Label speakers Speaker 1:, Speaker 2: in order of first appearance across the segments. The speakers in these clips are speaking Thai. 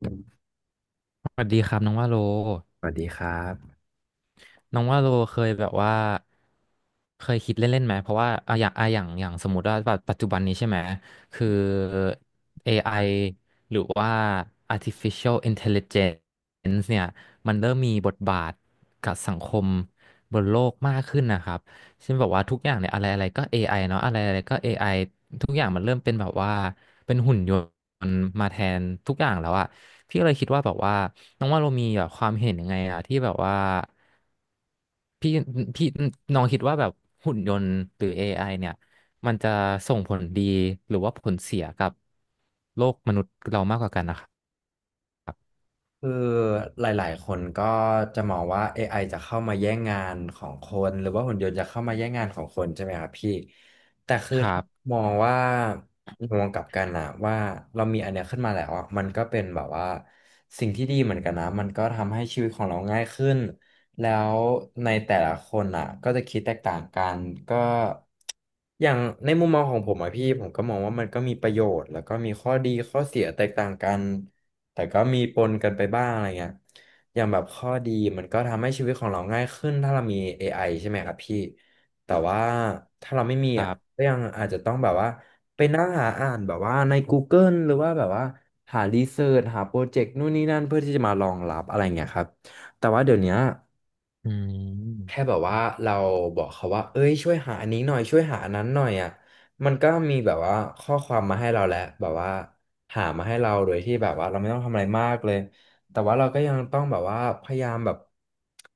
Speaker 1: ส
Speaker 2: สวัสดีครับน้องว่าโล
Speaker 1: วัสดีครับ
Speaker 2: น้องว่าโลเคยแบบว่าเคยคิดเล่นๆไหมเพราะว่าอย่างสมมติว่าปัจจุบันนี้ใช่ไหมคือ AI หรือว่า artificial intelligence เนี่ยมันเริ่มมีบทบาทกับสังคมบนโลกมากขึ้นนะครับเช่นแบบว่าทุกอย่างเนี่ยอะไรอะไรก็ AI เนาะอะไรอะไรก็ AI ทุกอย่างมันเริ่มเป็นแบบว่าเป็นหุ่นยนต์มาแทนทุกอย่างแล้วอะพี่ก็เลยคิดว่าแบบว่า น้องว่าเรามีแบบความเห็นยังไงอะที่แบบว่าพี่พี่น้องคิดว่าแบบหุ่นยนต์หรือ AI เนี่ยมันจะส่งผลดีหรือว่าผลเสียกับโลกมนุษย์เรามากกว่ากันนะครับ
Speaker 1: คือหลายๆคนก็จะมองว่า AI จะเข้ามาแย่งงานของคนหรือว่าหุ่นยนต์จะเข้ามาแย่งงานของคนใช่ไหมครับพี่
Speaker 2: ครับ
Speaker 1: มองว่ามองกลับกันนะว่าเรามีอันเนี้ยขึ้นมาแล้วอะมันก็เป็นแบบว่าสิ่งที่ดีเหมือนกันนะมันก็ทำให้ชีวิตของเราง่ายขึ้นแล้วในแต่ละคนอ่ะก็จะคิดแตกต่างกันก็อย่างในมุมมองของผมอะพี่ผมก็มองว่ามันก็มีประโยชน์แล้วก็มีข้อดีข้อเสียแตกต่างกันแต่ก็มีปนกันไปบ้างอะไรเงี้ยอย่างแบบข้อดีมันก็ทำให้ชีวิตของเราง่ายขึ้นถ้าเรามี AI ใช่ไหมครับพี่ แต่ว่าถ้าเราไม่มี
Speaker 2: ครั
Speaker 1: อ่ะ
Speaker 2: บ
Speaker 1: ก็ยังอาจจะต้องแบบว่าไปนั่งหาอ่านแบบว่าใน Google หรือว่าแบบว่าหารีเสิร์ชหาโปรเจกต์นู่นนี่นั่นเพื่อที่จะมารองรับอะไรเงี้ยครับแต่ว่าเดี๋ยวเนี้ย
Speaker 2: อื
Speaker 1: แค่
Speaker 2: ม
Speaker 1: แบบว่าเราบอกเขาว่าเอ้ยช่วยหาอันนี้หน่อยช่วยหาอันนั้นหน่อยอ่ะมันก็มีแบบว่าข้อความมาให้เราแล้วแบบว่าหามาให้เราโดยที่แบบว่าเราไม่ต้องทำอะไรมากเลยแต่ว่าเราก็ยังต้องแบบว่าพยายามแบบ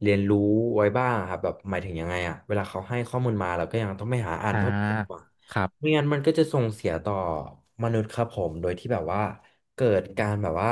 Speaker 1: เรียนรู้ไว้บ้างครับแบบหมายถึงยังไงอ่ะเวลาเขาให้ข้อมูลมาเราก็ยังต้องไปหาอ่าน
Speaker 2: อ่า
Speaker 1: เพิ่มเติมอะ
Speaker 2: ครับ
Speaker 1: ไม่งั้นมันก็จะส่งเสียต่อมนุษย์ครับผมโดยที่แบบว่าเกิดการแบบว่า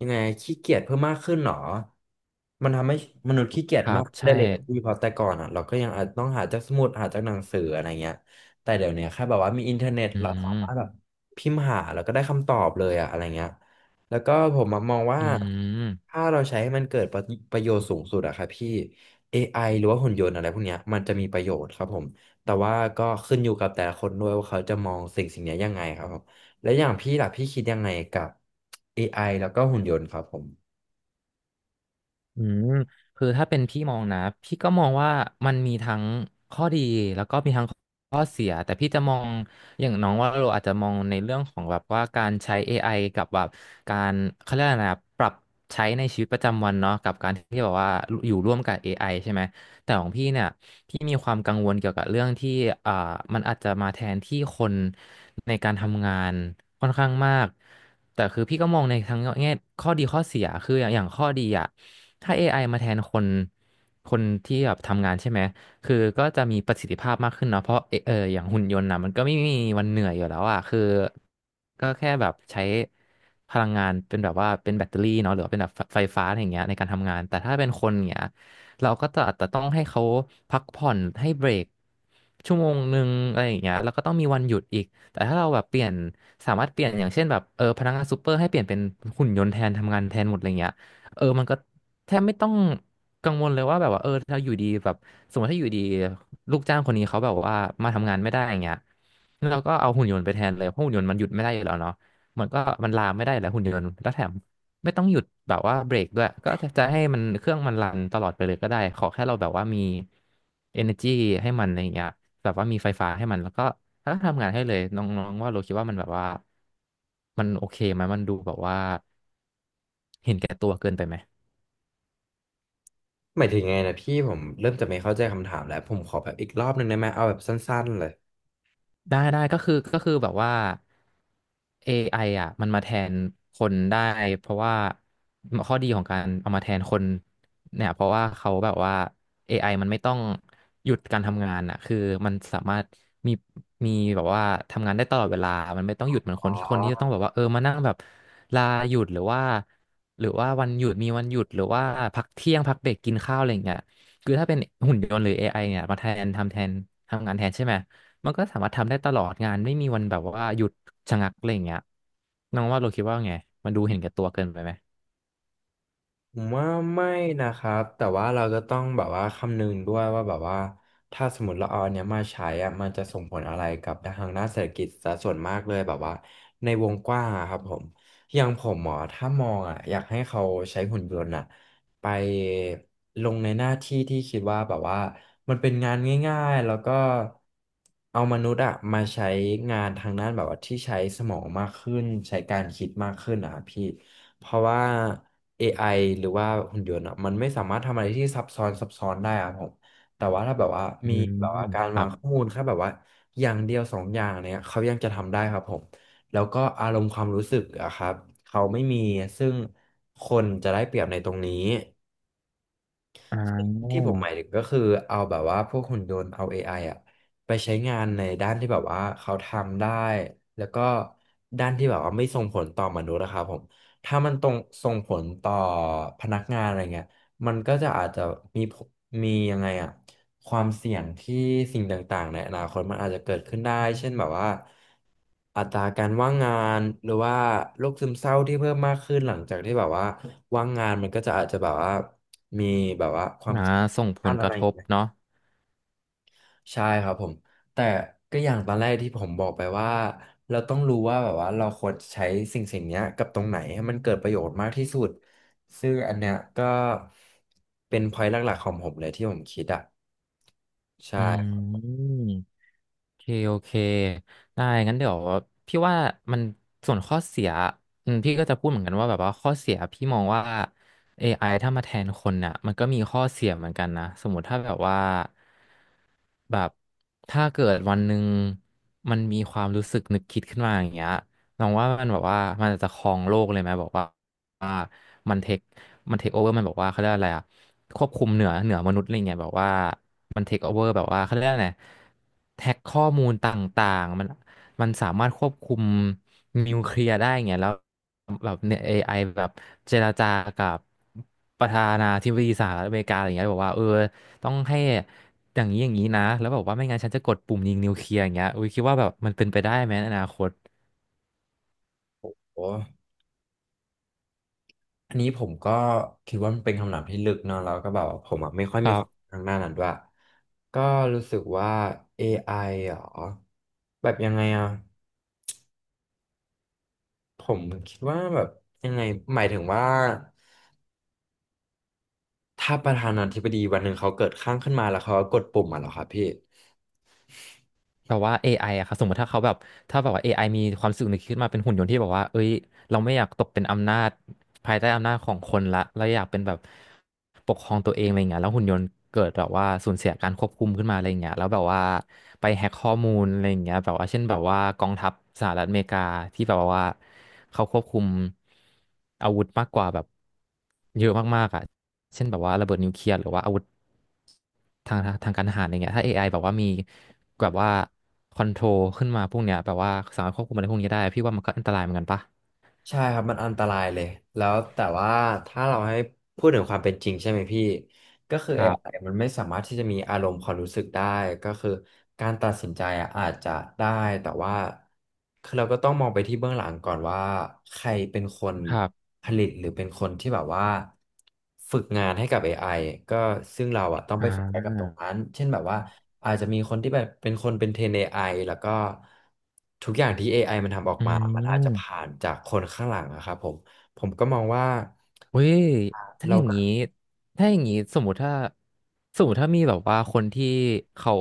Speaker 1: ยังไงขี้เกียจเพิ่มมากขึ้นหรอมันทำให้มนุษย์ขี้เกีย
Speaker 2: ค
Speaker 1: จ
Speaker 2: รั
Speaker 1: มาก
Speaker 2: บ
Speaker 1: ขึ้นได้
Speaker 2: ใช่
Speaker 1: เลยนะพี่เพราะแต่ก่อนอ่ะเราก็ยังอาจต้องหาจากสมุดหาจากหนังสืออะไรเงี้ยแต่เดี๋ยวเนี้ยแค่แบบว่ามีอินเทอร์เน็ต
Speaker 2: อื
Speaker 1: เราสา
Speaker 2: ม
Speaker 1: มารถแบบพิมพ์หาแล้วก็ได้คำตอบเลยอะอะไรเงี้ยแล้วก็ผมมองว่า
Speaker 2: อืม
Speaker 1: ถ้าเราใช้ให้มันเกิดประโยชน์สูงสุดอะครับพี่ AI หรือว่าหุ่นยนต์อะไรพวกเนี้ยมันจะมีประโยชน์ครับผม แต่ว่าก็ขึ้นอยู่กับแต่ละคนด้วยว่าเขาจะมองสิ่งสิ่งนี้ยังไงครับผมและอย่างพี่ล่ะพี่คิดยังไงกับ AI แล้วก็หุ่นยนต์ครับผม
Speaker 2: อืมคือถ้าเป็นพี่มองนะพี่ก็มองว่ามันมีทั้งข้อดีแล้วก็มีทั้งข้อเสียแต่พี่จะมองอย่างน้องว่าเราอาจจะมองในเรื่องของแบบว่าการใช้ AI กับแบบการเขาเรียกอะไรนะปรับใช้ในชีวิตประจำวันเนาะกับการที่แบบว่าอยู่ร่วมกับ AI ใช่ไหมแต่ของพี่เนี่ยพี่มีความกังวลเกี่ยวกับเรื่องที่อ่ามันอาจจะมาแทนที่คนในการทำงานค่อนข้างมากแต่คือพี่ก็มองในทั้งแง่ข้อดีข้อเสียคืออย่างข้อดีอ่ะ ถ้า AI มาแทนคน คนที่แบบทำงานใช่ไหม คือก็จะมีประสิทธิภาพมากขึ้นเนาะเพราะเอเอออย่างหุ่นยนต์นะมันก็ไม่มีวันเหนื่อยอยู่แล้วอ่ะคือก็แค่แบบใช้พลังงานเป็นแบบว่าเป็นแบตเตอรี่เนาะหรือว่าเป็นแบบไฟฟ้าอะไรอย่างเงี้ยในการทำงาน แต่ถ้าเป็นคนอย่างเงี้ยเราก็จะอาจจะต้องให้เขาพักผ่อนให้เบรกชั่วโมงหนึ่งอะไรอย่างเงี้ยแล้วก็ต้องมีวันหยุดอีก แต่ถ้าเราแบบเปลี่ยนสามารถเปลี่ยนอย่างเช่นแบบเออพนักงานซูเปอร์ให้เปลี่ยนเป็นหุ่นยนต์แทนทำงานแทนหมดอะไรเงี้ยเออมันก็ แทบไม่ต้องกังวลเลยว่าแบบว่าเออถ้าอยู่ดีแบบสมมติถ้าอยู่ดีลูกจ้างคนนี้เขาแบบว่ามาทำงานไม่ได้อย่างเงี้ยแล้วเราก็เอาหุ่นยนต์ไปแทนเลยเพราะหุ่นยนต์มันหยุดไม่ได้อยู่แล้วเนาะมันก็มันลาไม่ได้แล้วหุ่นยนต์แล้วแถมไม่ต้องหยุดแบบว่าเบรกด้วยก็จะจะให้มันเครื่องมันรันตลอดไปเลยก็ได้ขอแค่เราแบบว่ามี energy ให้มันอะไรอย่างเงี้ยแบบว่ามีไฟฟ้าให้มันแล้วก็ถ้าทำงานให้เลยน้องๆว่าเราคิดว่ามันแบบว่ามันโอเคไหมมันดูแบบว่าเห็นแก่ตัวเกินไปไหม
Speaker 1: หมายถึงไงนะพี่ผมเริ่มจะไม่เข้าใจคำถามแล้วผมขอแบบอีกรอบหนึ่งได้ไหมเอาแบบสั้นๆเลย
Speaker 2: ได้ได้ก็คือแบบว่า AI อไออ่ะมันมาแทนคนได้เพราะว่าข้อดีของการเอามาแทนคนเนี่ยเพราะว่าเขาแบบว่า AI มันไม่ต้องหยุดการทำงานอ่ะคือมันสามารถมีมีแบบว่าทำงานได้ตลอดเวลามันไม่ต้องหยุดเหมือน
Speaker 1: อ๋
Speaker 2: คนที่จะต้อง
Speaker 1: อ
Speaker 2: แบบว่าเออมานั่งแบบลาหยุดหรือว่าวันหยุดมีวันหยุดหรือว่าพักเที่ยงพักเบรกกินข้าวอะไรอย่างเงี้ยคือถ้าเป็นหุ่นยนต์หรือ AI เนี่ยมาแทนทำแทนทำงานแทนใช่ไหม มันก็สามารถทำได้ตลอดงานไม่มีวันแบบว่าหยุดชะงักอะไรอย่างเงี้ยน้องว่าเราคิดว่าไงมันดูเห็นแก่ตัวเกินไปไหม
Speaker 1: ผมว่าไม่นะครับแต่ว่าเราก็ต้องแบบว่าคำนึงด้วยว่าแบบว่าถ้าสมมติเราเอาอันเนี้ยมาใช้อะมันจะส่งผลอะไรกับทางด้านเศรษฐกิจซะส่วนมากเลยแบบว่าในวงกว้างอะครับผมอย่างผมหมอถ้ามองอ่ะอยากให้เขาใช้หุ่นยนต์อ่ะไปลงในหน้าที่ที่คิดว่าแบบว่ามันเป็นงานง่ายๆแล้วก็เอามนุษย์อ่ะมาใช้งานทางด้านแบบว่าที่ใช้สมองมากขึ้นใช้การคิดมากขึ้นอ่ะพี่ เพราะว่า AI หรือว่าหุ่นยนต์อะมันไม่สามารถทำอะไรที่ซับซ้อนซับซ้อนได้อะผม แต่ว่าถ้าแบบว่า
Speaker 2: อื
Speaker 1: มี
Speaker 2: ม
Speaker 1: แบบว่าการ
Speaker 2: ครั
Speaker 1: วาง
Speaker 2: บ
Speaker 1: ข้อมูลแค่แบบว่าอย่างเดียวสองอย่างเนี้ยเขายังจะทำได้ครับผม แล้วก็อารมณ์ความรู้สึกอะครับ เขาไม่มีซึ่งคนจะได้เปรียบในตรงนี้
Speaker 2: อ่
Speaker 1: ที่
Speaker 2: อ
Speaker 1: ผมหมายถึงก็คือเอาแบบว่าพวกหุ่นยนต์เอา AI อไออ่ะไปใช้งานในด้านที่แบบว่าเขาทำได้แล้วก็ด้านที่แบบว่าไม่ส่งผลต่อมนุษย์นะครับผมถ้ามันตรงส่งผลต่อพนักงานอะไรเงี้ยมันก็จะอาจจะมีผลมียังไงอะ ความเสี่ยงที่สิ่งต่างๆในอนาคตมันอาจจะเกิดขึ้นได้เช่นแบบว่าอัตราการว่างงานหรือว่าโรคซึมเศร้าที่เพิ่มมากขึ้นหลังจากที่แบบว่าว่างงานมันก็จะอาจจะแบบว่ามีแบบว่าความ
Speaker 2: อ่า
Speaker 1: คิด
Speaker 2: ส่งผ
Speaker 1: ด้า
Speaker 2: ล
Speaker 1: น
Speaker 2: ก
Speaker 1: อะไร
Speaker 2: ระ
Speaker 1: อ
Speaker 2: ท
Speaker 1: ย่าง
Speaker 2: บ
Speaker 1: เงี้ย
Speaker 2: เนาะ
Speaker 1: ใช่ครับผมแต่ก็อย่างตอนแรกที่ผมบอกไปว่าเราต้องรู้ว่าแบบว่าเราควรใช้สิ่งสิ่งเนี้ยกับตรงไหนให้มันเกิดประโยชน์มากที่สุดซึ่งอันเนี้ยก็เป็น point หลักๆของผมเลยที่ผมคิดอ่ะใช่
Speaker 2: อืม โอเคโอเคได้งั้นเดี๋ยวพี่ว่ามันส่วนข้อเสียอืมพี่ก็จะพูดเหมือนกันว่าแบบว่าข้อเสียพี่มองว่า AI ถ้ามาแทนคนน่ะมันก็มีข้อเสียเหมือนกันนะสมมติถ้าแบบว่าแบบถ้าเกิดวันหนึ่งมันมีความรู้สึกนึกคิดขึ้นมาอย่างเงี้ยลองว่ามันแบบว่ามันจะครองโลกเลยไหมบอกว่าว่ามันเทคมันเทคโอเวอร์มันบอกว่าเขาเรียกอะไรอะควบคุมเหนือมนุษย์อะไรเงี้ยแบบว่า มันเทคโอเวอร์แบบว่าเขาเรียกว่าไงแท็กข้อมูลต่างๆมันมันสามารถควบคุมนิวเคลียร์ได้งเงี้ยแล้วแบบเนี่ย AI แบบเจรจากับประธานาธิบดีสหรัฐอเมริกาอะไรอย่างเงี้ยบอกว่าเออต้องให้อย่างนี้อย่างนี้นะแล้วบอกว่าไม่งั้นฉันจะกดปุ่มยิงนิวเคลียร์อย่างเงี้ยอุ้ยคิดว่าแบบมันเป็นไปได้ไหมในอนาคต
Speaker 1: โอ้ อันนี้ผมก็คิดว่ามันเป็นคำถามที่ลึกเนาะแล้วก็แบบว่าผมอะไม่ค่อย
Speaker 2: ค
Speaker 1: มี
Speaker 2: รั
Speaker 1: ความรู้
Speaker 2: บ
Speaker 1: ทางด้านนั้นด้วยก็รู้สึกว่า AI เหรอแบบยังไงอ่ะผมคิดว่าแบบยังไงหมายถึงว่าถ้าประธานาธิบดีวันหนึ่งเขาเกิดข้างขึ้นมาแล้วเขาก็กดปุ่มอ่ะเหรอครับพี่
Speaker 2: แบบว่าเอไออะครับสมมติถ้าเขาแบบถ้าแบบว่าเอไ i มีความรู้สึกนึกขึ้นมาเป็นหุ่นยนต์ที่แบบว่าเอ้ยเราไม่อยากตกเป็นอำนาจภายใต้อำนาจของคนละเราอยากเป็นแบบปกครองตัวเองอะไรเงี้ยแล้วหุ่นยนต์เกิดแบบว่าสูญเสียการควบคุมขึ้นมาอะไรเงี้ยแล้วแบบว่าไปแฮ็กข้อมูลอะไรเงี้ยแบบว่าเช่นแบบว่ากองทัพสหรัฐอเมริกาที่แบบว่าเขาควบคุมอาวุธมากกว่าแบบเยอะมากๆอ่ะเช่นแบบว่าระเบิดนิวเคลียร์หรือว่าอาวุธ ทางการทหารอะไรเงี้ยถ้า AI แบบว่ามีแบบว่าคอนโทรลขึ้นมาพวกเนี้ยแบบว่าสามารถควบคุมอะไรพวกนี้ได้พี่ว่ามันก็อันตรายเหมือนกันปะ
Speaker 1: ใช่ครับมันอันตรายเลยแล้วแต่ว่าถ้าเราให้พูดถึงความเป็นจริงใช่ไหมพี่ ก็คือ
Speaker 2: ค
Speaker 1: เอ
Speaker 2: รั
Speaker 1: ไอ
Speaker 2: บ
Speaker 1: มันไม่สามารถที่จะมีอารมณ์ความรู้สึกได้ก็คือการตัดสินใจอะอาจจะได้แต่ว่าคือเราก็ต้องมองไปที่เบื้องหลังก่อนว่าใครเป็นคน
Speaker 2: ครับ
Speaker 1: ผลิตหรือเป็นคนที่แบบว่าฝึกงานให้กับ a อไอก็ซึ่งเราอะต้อง
Speaker 2: อ่
Speaker 1: ไปโฟกัสกับต
Speaker 2: า
Speaker 1: รงนั้นเช่นแบบว่าอาจจะมีคนที่แบบเป็นคนเป็นเทรนเอไอแล้วก็ทุกอย่างที่ a อไอมันทำออก
Speaker 2: อื
Speaker 1: มามันอาจจะ
Speaker 2: ม
Speaker 1: ผ่านจากคนข้างหลังอะครับผมผมก็มองว่า
Speaker 2: เว้ยถ้าอ
Speaker 1: เรา
Speaker 2: ย่าง
Speaker 1: ก็
Speaker 2: นี้ถ้าอย่างนี้สมมติถ้าสมมติถ้ามีแบบว่าคนที่เขา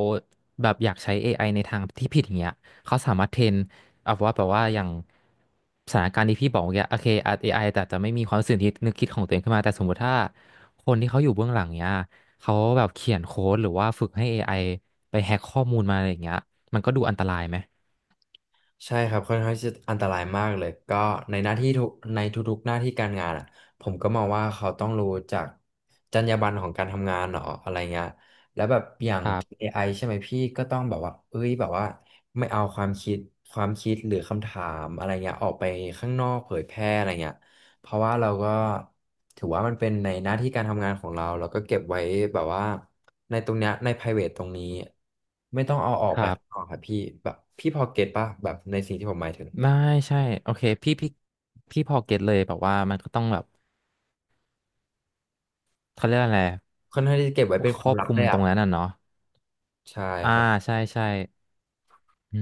Speaker 2: แบบอยากใช้ AI ในทางที่ผิดอย่างเงี้ยเขาสามารถเทรนเอาว่าแบบว่าอย่างสถานการณ์ที่พี่บอกเมื่อกี้โอเคอาจเอไอแต่จะไม่มีความสื่อที่นึกคิดของตัวเองขึ้นมาแต่สมมติถ้าคนที่เขาอยู่เบื้องหลังเนี้ยเขาแบบเขียนโค้ดหรือว่าฝึกให้ AI ไอไปแฮ็กข้อมูลมาอะไรอย่างเงี้ยมันก็ดูอันตรายไหม
Speaker 1: ใช่ครับค่อนข้างที่จะอันตรายมากเลยก็ในหน้าที่ทุกในทุกๆหน้าที่การงานอ่ะผมก็มองว่าเขาต้องรู้จากจรรยาบรรณของการทำงานเนาะอะไรเงี้ยแล้วแบบอย่าง
Speaker 2: ครับ
Speaker 1: AI ใช่ไหมพี่ก็ต้องแบบว่าเอ้ยแบบว่าไม่เอาความคิดหรือคำถามอะไรเงี้ยออกไปข้างนอกเผยแพร่อะไรเงี้ย เพราะว่าเราก็ถือว่ามันเป็นในหน้าที่การทำงานของเราเราก็เก็บไว้แบบว่าในตรงเนี้ยใน private ตรงนี้ไม่ต้องเอาออก
Speaker 2: ค
Speaker 1: ไป
Speaker 2: รั
Speaker 1: ข้างน
Speaker 2: บ
Speaker 1: อกครับพี่แบบพี่พอเก็ตป่ะแบบในสิ่งที่ผมหมายถึง
Speaker 2: ไม่ใช่โอเคพี่พี่พอเก็ตเลยแบบว่ามันก็ต้องแบบเขาเรียกอะไร
Speaker 1: ค่อนข้างที่จะเก็บไว้เป็น
Speaker 2: ค
Speaker 1: ค
Speaker 2: ร
Speaker 1: วา
Speaker 2: อ
Speaker 1: ม
Speaker 2: บ
Speaker 1: ลั
Speaker 2: ค
Speaker 1: บ
Speaker 2: ลุม
Speaker 1: เลย
Speaker 2: ตร
Speaker 1: อ่ะ
Speaker 2: งนั้นน่ะเนาะ
Speaker 1: ใช่
Speaker 2: อ่า
Speaker 1: ครับ
Speaker 2: ใช่ใช่อื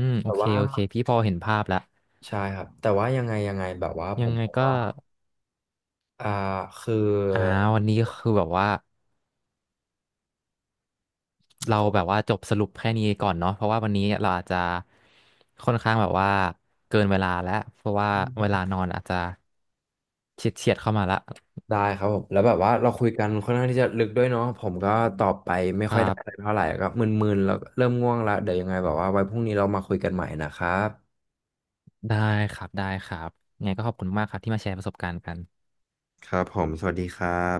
Speaker 2: มโอ
Speaker 1: แต่
Speaker 2: เค
Speaker 1: ว่า
Speaker 2: โอเคพี่พอเห็นภาพแล้ว
Speaker 1: ใช่ครับแต่ว่ายังไงแบบว่าผ
Speaker 2: ยัง
Speaker 1: ม
Speaker 2: ไง
Speaker 1: บอก
Speaker 2: ก็
Speaker 1: ว่าอ่าคือ
Speaker 2: อ่าวันนี้คือแบบว่า
Speaker 1: ผ
Speaker 2: เราแบบ
Speaker 1: ม
Speaker 2: ว่าจบสรุปแค่นี้ก่อนเนาะเพราะว่าวันนี้เราอาจจะค่อนข้างแบบว่าเกินเวลาแล้วเพราะว่าเวลานอนอาจจะเฉียดเข้ามาละ
Speaker 1: ได้ครับผมแล้วแบบว่าเราคุยกันค่อนข้างที่จะลึกด้วยเนาะผมก็ตอบไปไม่
Speaker 2: ค
Speaker 1: ค่อย
Speaker 2: รั
Speaker 1: ได้อะไร
Speaker 2: บ
Speaker 1: เท่าไหร่ก็มึนๆแล้วเริ่มง่วงละเดี๋ยวยังไงแบบว่าไว้พรุ่งนี้เรามาคุยกันใหม่นะครับ
Speaker 2: ได้ครับได้ครับยังไงก็ขอบคุณมากครับที่มาแชร์ประสบการณ์กัน
Speaker 1: ครับผมสวัสดีครับ